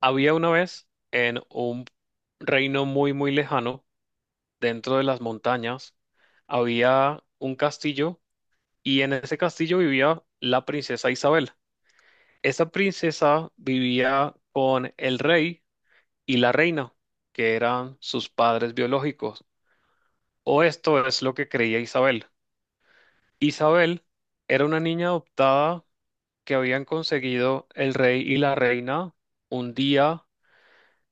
Había una vez en un reino muy, muy lejano, dentro de las montañas, había un castillo y en ese castillo vivía la princesa Isabel. Esa princesa vivía con el rey y la reina, que eran sus padres biológicos, o esto es lo que creía Isabel. Isabel era una niña adoptada que habían conseguido el rey y la reina un día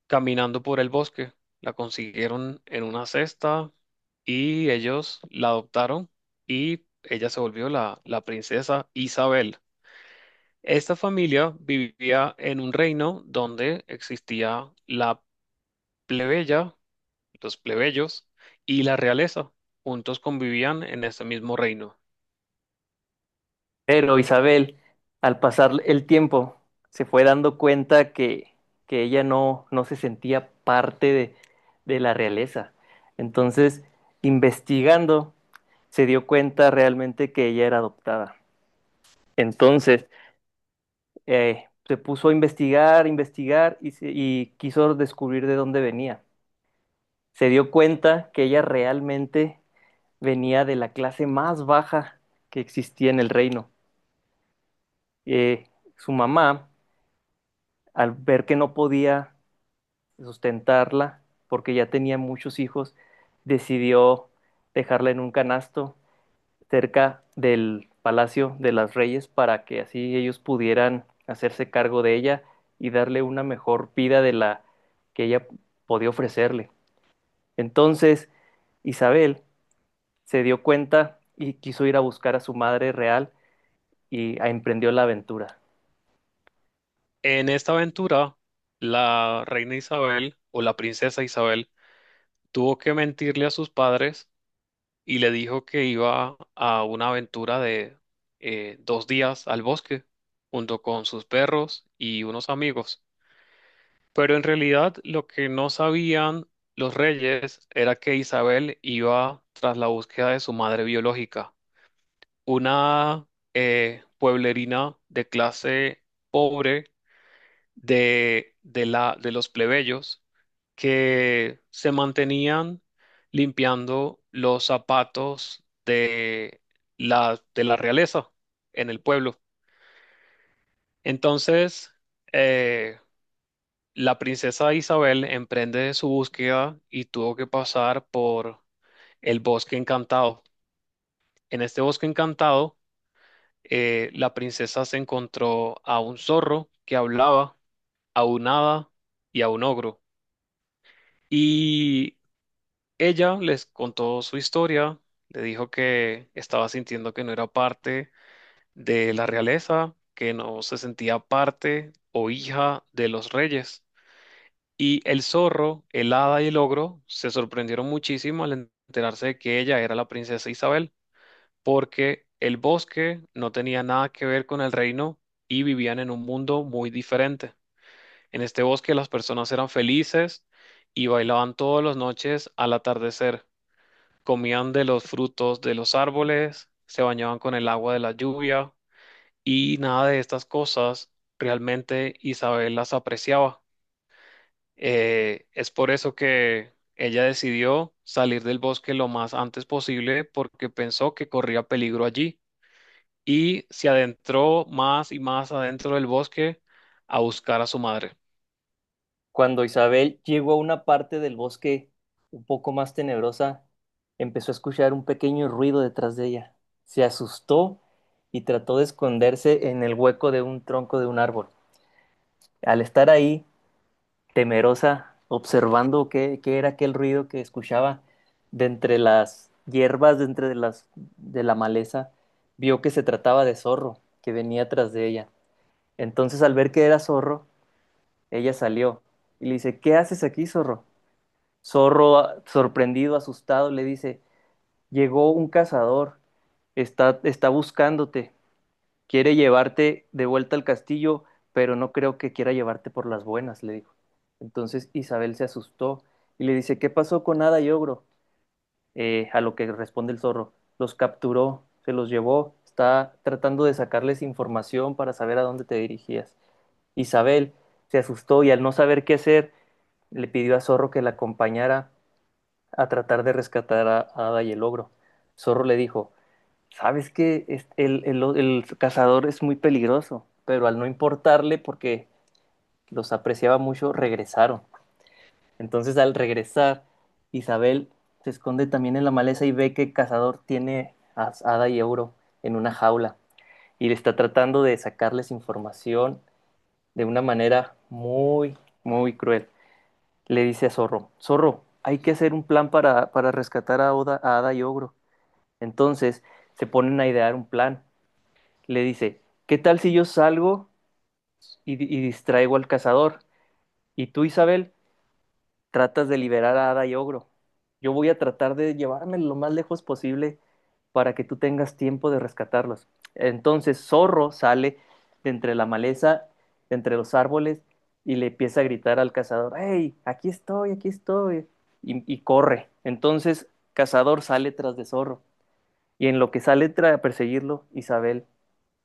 caminando por el bosque. La consiguieron en una cesta y ellos la adoptaron y ella se volvió la princesa Isabel. Esta familia vivía en un reino donde existía la plebeya, los plebeyos y la realeza. Juntos convivían en este mismo reino. Pero Isabel, al pasar el tiempo, se fue dando cuenta que ella no se sentía parte de la realeza. Entonces, investigando, se dio cuenta realmente que ella era adoptada. Entonces, se puso a investigar, investigar y, y quiso descubrir de dónde venía. Se dio cuenta que ella realmente venía de la clase más baja que existía en el reino. Eh, su mamá al ver que no podía sustentarla porque ya tenía muchos hijos, decidió dejarla en un canasto cerca del Palacio de las Reyes para que así ellos pudieran hacerse cargo de ella y darle una mejor vida de la que ella podía ofrecerle. Entonces, Isabel se dio cuenta y quiso ir a buscar a su madre real y emprendió la aventura. En esta aventura, la reina Isabel o la princesa Isabel tuvo que mentirle a sus padres y le dijo que iba a una aventura de 2 días al bosque junto con sus perros y unos amigos. Pero en realidad lo que no sabían los reyes era que Isabel iba tras la búsqueda de su madre biológica, una pueblerina de clase pobre de los plebeyos que se mantenían limpiando los zapatos de de la realeza en el pueblo. Entonces, eh, la princesa Isabel emprende su búsqueda y tuvo que pasar por el bosque encantado. En este bosque encantado, la princesa se encontró a un zorro que hablaba, a un hada y a un ogro. Y Ella les contó su historia, le dijo que estaba sintiendo que no era parte de la realeza, que no se sentía parte o hija de los reyes. Y el zorro, el hada y el ogro se sorprendieron muchísimo al enterarse de que ella era la princesa Isabel, porque el bosque no tenía nada que ver con el reino y vivían en un mundo muy diferente. En este bosque las personas eran felices y bailaban todas las noches al atardecer, comían de los frutos de los árboles, se bañaban con el agua de la lluvia y nada de estas cosas realmente Isabel las apreciaba. Es por eso que ella decidió salir del bosque lo más antes posible porque pensó que corría peligro allí y se adentró más y más adentro del bosque a buscar a su madre. Cuando Isabel llegó a una parte del bosque un poco más tenebrosa, empezó a escuchar un pequeño ruido detrás de ella. Se asustó y trató de esconderse en el hueco de un tronco de un árbol. Al estar ahí, temerosa, observando qué era aquel ruido que escuchaba de entre las hierbas, de la maleza, vio que se trataba de zorro que venía tras de ella. Entonces, al ver que era zorro, ella salió y le dice, ¿qué haces aquí, zorro? Zorro, sorprendido, asustado, le dice, llegó un cazador, está buscándote, quiere llevarte de vuelta al castillo, pero no creo que quiera llevarte por las buenas, le dijo. Entonces Isabel se asustó y le dice, ¿qué pasó con Hada y Ogro? A lo que responde el zorro, los capturó, se los llevó, está tratando de sacarles información para saber a dónde te dirigías. Isabel se asustó y al no saber qué hacer, le pidió a Zorro que la acompañara a tratar de rescatar a Ada y el ogro. Zorro le dijo, sabes que el cazador es muy peligroso, pero al no importarle, porque los apreciaba mucho, regresaron. Entonces al regresar, Isabel se esconde también en la maleza y ve que el cazador tiene a Ada y Euro en una jaula y le está tratando de sacarles información de una manera muy cruel. Le dice a Zorro, Zorro, hay que hacer un plan para rescatar a Ada y Ogro. Entonces se ponen a idear un plan. Le dice, ¿qué tal si yo salgo y distraigo al cazador? Y tú, Isabel, tratas de liberar a Ada y Ogro. Yo voy a tratar de llevarme lo más lejos posible para que tú tengas tiempo de rescatarlos. Entonces Zorro sale de entre la maleza, de entre los árboles, y le empieza a gritar al cazador, ¡Hey, aquí estoy, aquí estoy! Y corre. Entonces Cazador sale tras de Zorro, y en lo que sale a perseguirlo, Isabel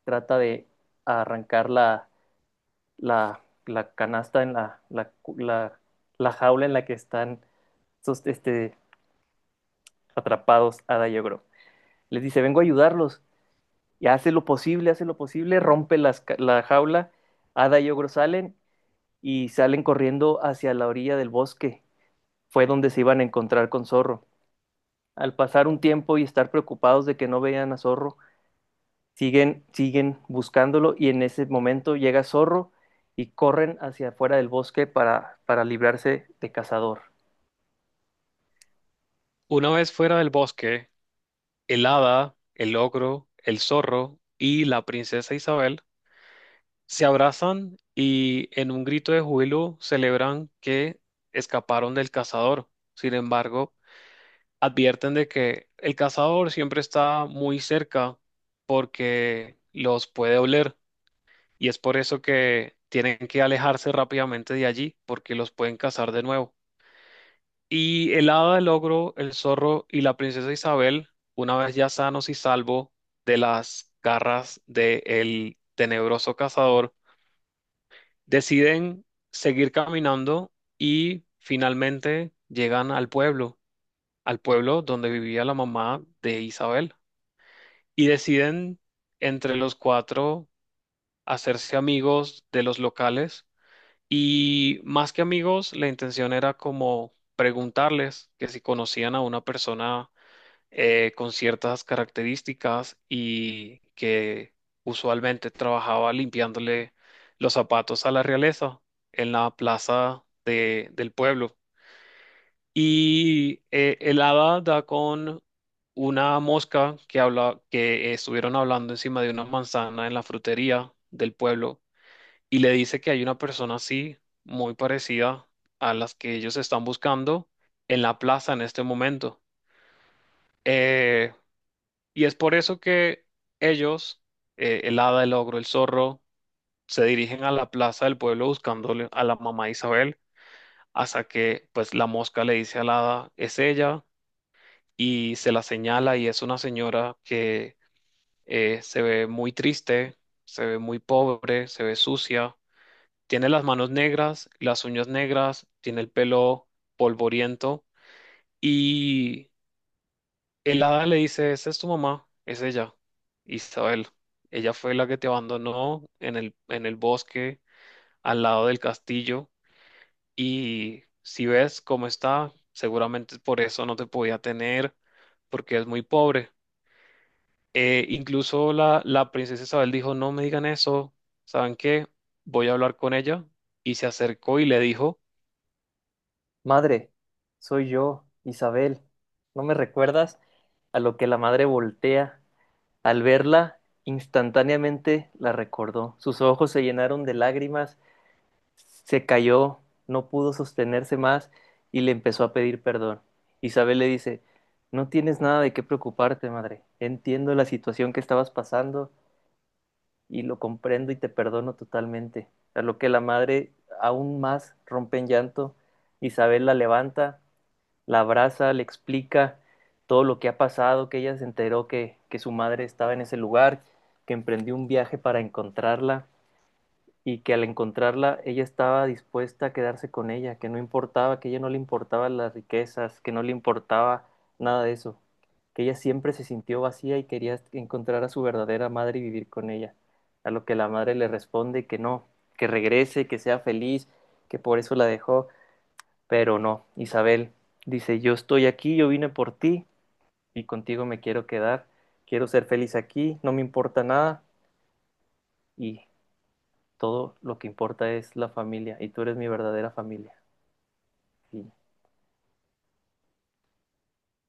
trata de arrancar la canasta en la la jaula en la que están estos, este, atrapados Ada y Ogro. Les dice, vengo a ayudarlos. Y hace lo posible, rompe la jaula. Ada y Ogro salen y salen corriendo hacia la orilla del bosque. Fue donde se iban a encontrar con Zorro. Al pasar un tiempo y estar preocupados de que no vean a Zorro, siguen buscándolo y en ese momento llega Zorro y corren hacia afuera del bosque para librarse de cazador. Una vez fuera del bosque, el hada, el ogro, el zorro y la princesa Isabel se abrazan y en un grito de júbilo celebran que escaparon del cazador. Sin embargo, advierten de que el cazador siempre está muy cerca porque los puede oler y es por eso que tienen que alejarse rápidamente de allí porque los pueden cazar de nuevo. Y el hada, el ogro, el zorro y la princesa Isabel, una vez ya sanos y salvos de las garras del tenebroso cazador, deciden seguir caminando y finalmente llegan al pueblo donde vivía la mamá de Isabel. Y deciden entre los cuatro hacerse amigos de los locales. Y más que amigos, la intención era como preguntarles que si conocían a una persona con ciertas características y que usualmente trabajaba limpiándole los zapatos a la realeza en la plaza del pueblo. Y el hada da con una mosca que habla, que estuvieron hablando encima de una manzana en la frutería del pueblo y le dice que hay una persona así, muy parecida a las que ellos están buscando en la plaza en este momento. Eh, Y es por eso que ellos, el hada, el ogro, el zorro, se dirigen a la plaza del pueblo buscándole a la mamá Isabel, hasta que pues la mosca le dice a la hada: es ella. Y se la señala, y es una señora que se ve muy triste, se ve muy pobre, se ve sucia, tiene las manos negras, las uñas negras, tiene el pelo polvoriento. Y el hada le dice: esa es tu mamá, es ella, Isabel. Ella fue la que te abandonó en en el bosque al lado del castillo, y si ves cómo está, seguramente por eso no te podía tener, porque es muy pobre. Incluso la princesa Isabel dijo: no me digan eso, ¿saben qué? Voy a hablar con ella. Y se acercó y le dijo: Madre, soy yo, Isabel. ¿No me recuerdas? A lo que la madre voltea. Al verla, instantáneamente la recordó. Sus ojos se llenaron de lágrimas, se cayó, no pudo sostenerse más y le empezó a pedir perdón. Isabel le dice, no tienes nada de qué preocuparte, madre. Entiendo la situación que estabas pasando y lo comprendo y te perdono totalmente. A lo que la madre aún más rompe en llanto, Isabel la levanta, la abraza, le explica todo lo que ha pasado, que ella se enteró que su madre estaba en ese lugar, que emprendió un viaje para encontrarla y que al encontrarla ella estaba dispuesta a quedarse con ella, que no importaba, que a ella no le importaban las riquezas, que no le importaba nada de eso, que ella siempre se sintió vacía y quería encontrar a su verdadera madre y vivir con ella, a lo que la madre le responde que no, que regrese, que sea feliz, que por eso la dejó, pero no, Isabel dice, yo estoy aquí, yo vine por ti y contigo me quiero quedar, quiero ser feliz aquí, no me importa nada y todo lo que importa es la familia y tú eres mi verdadera familia. Y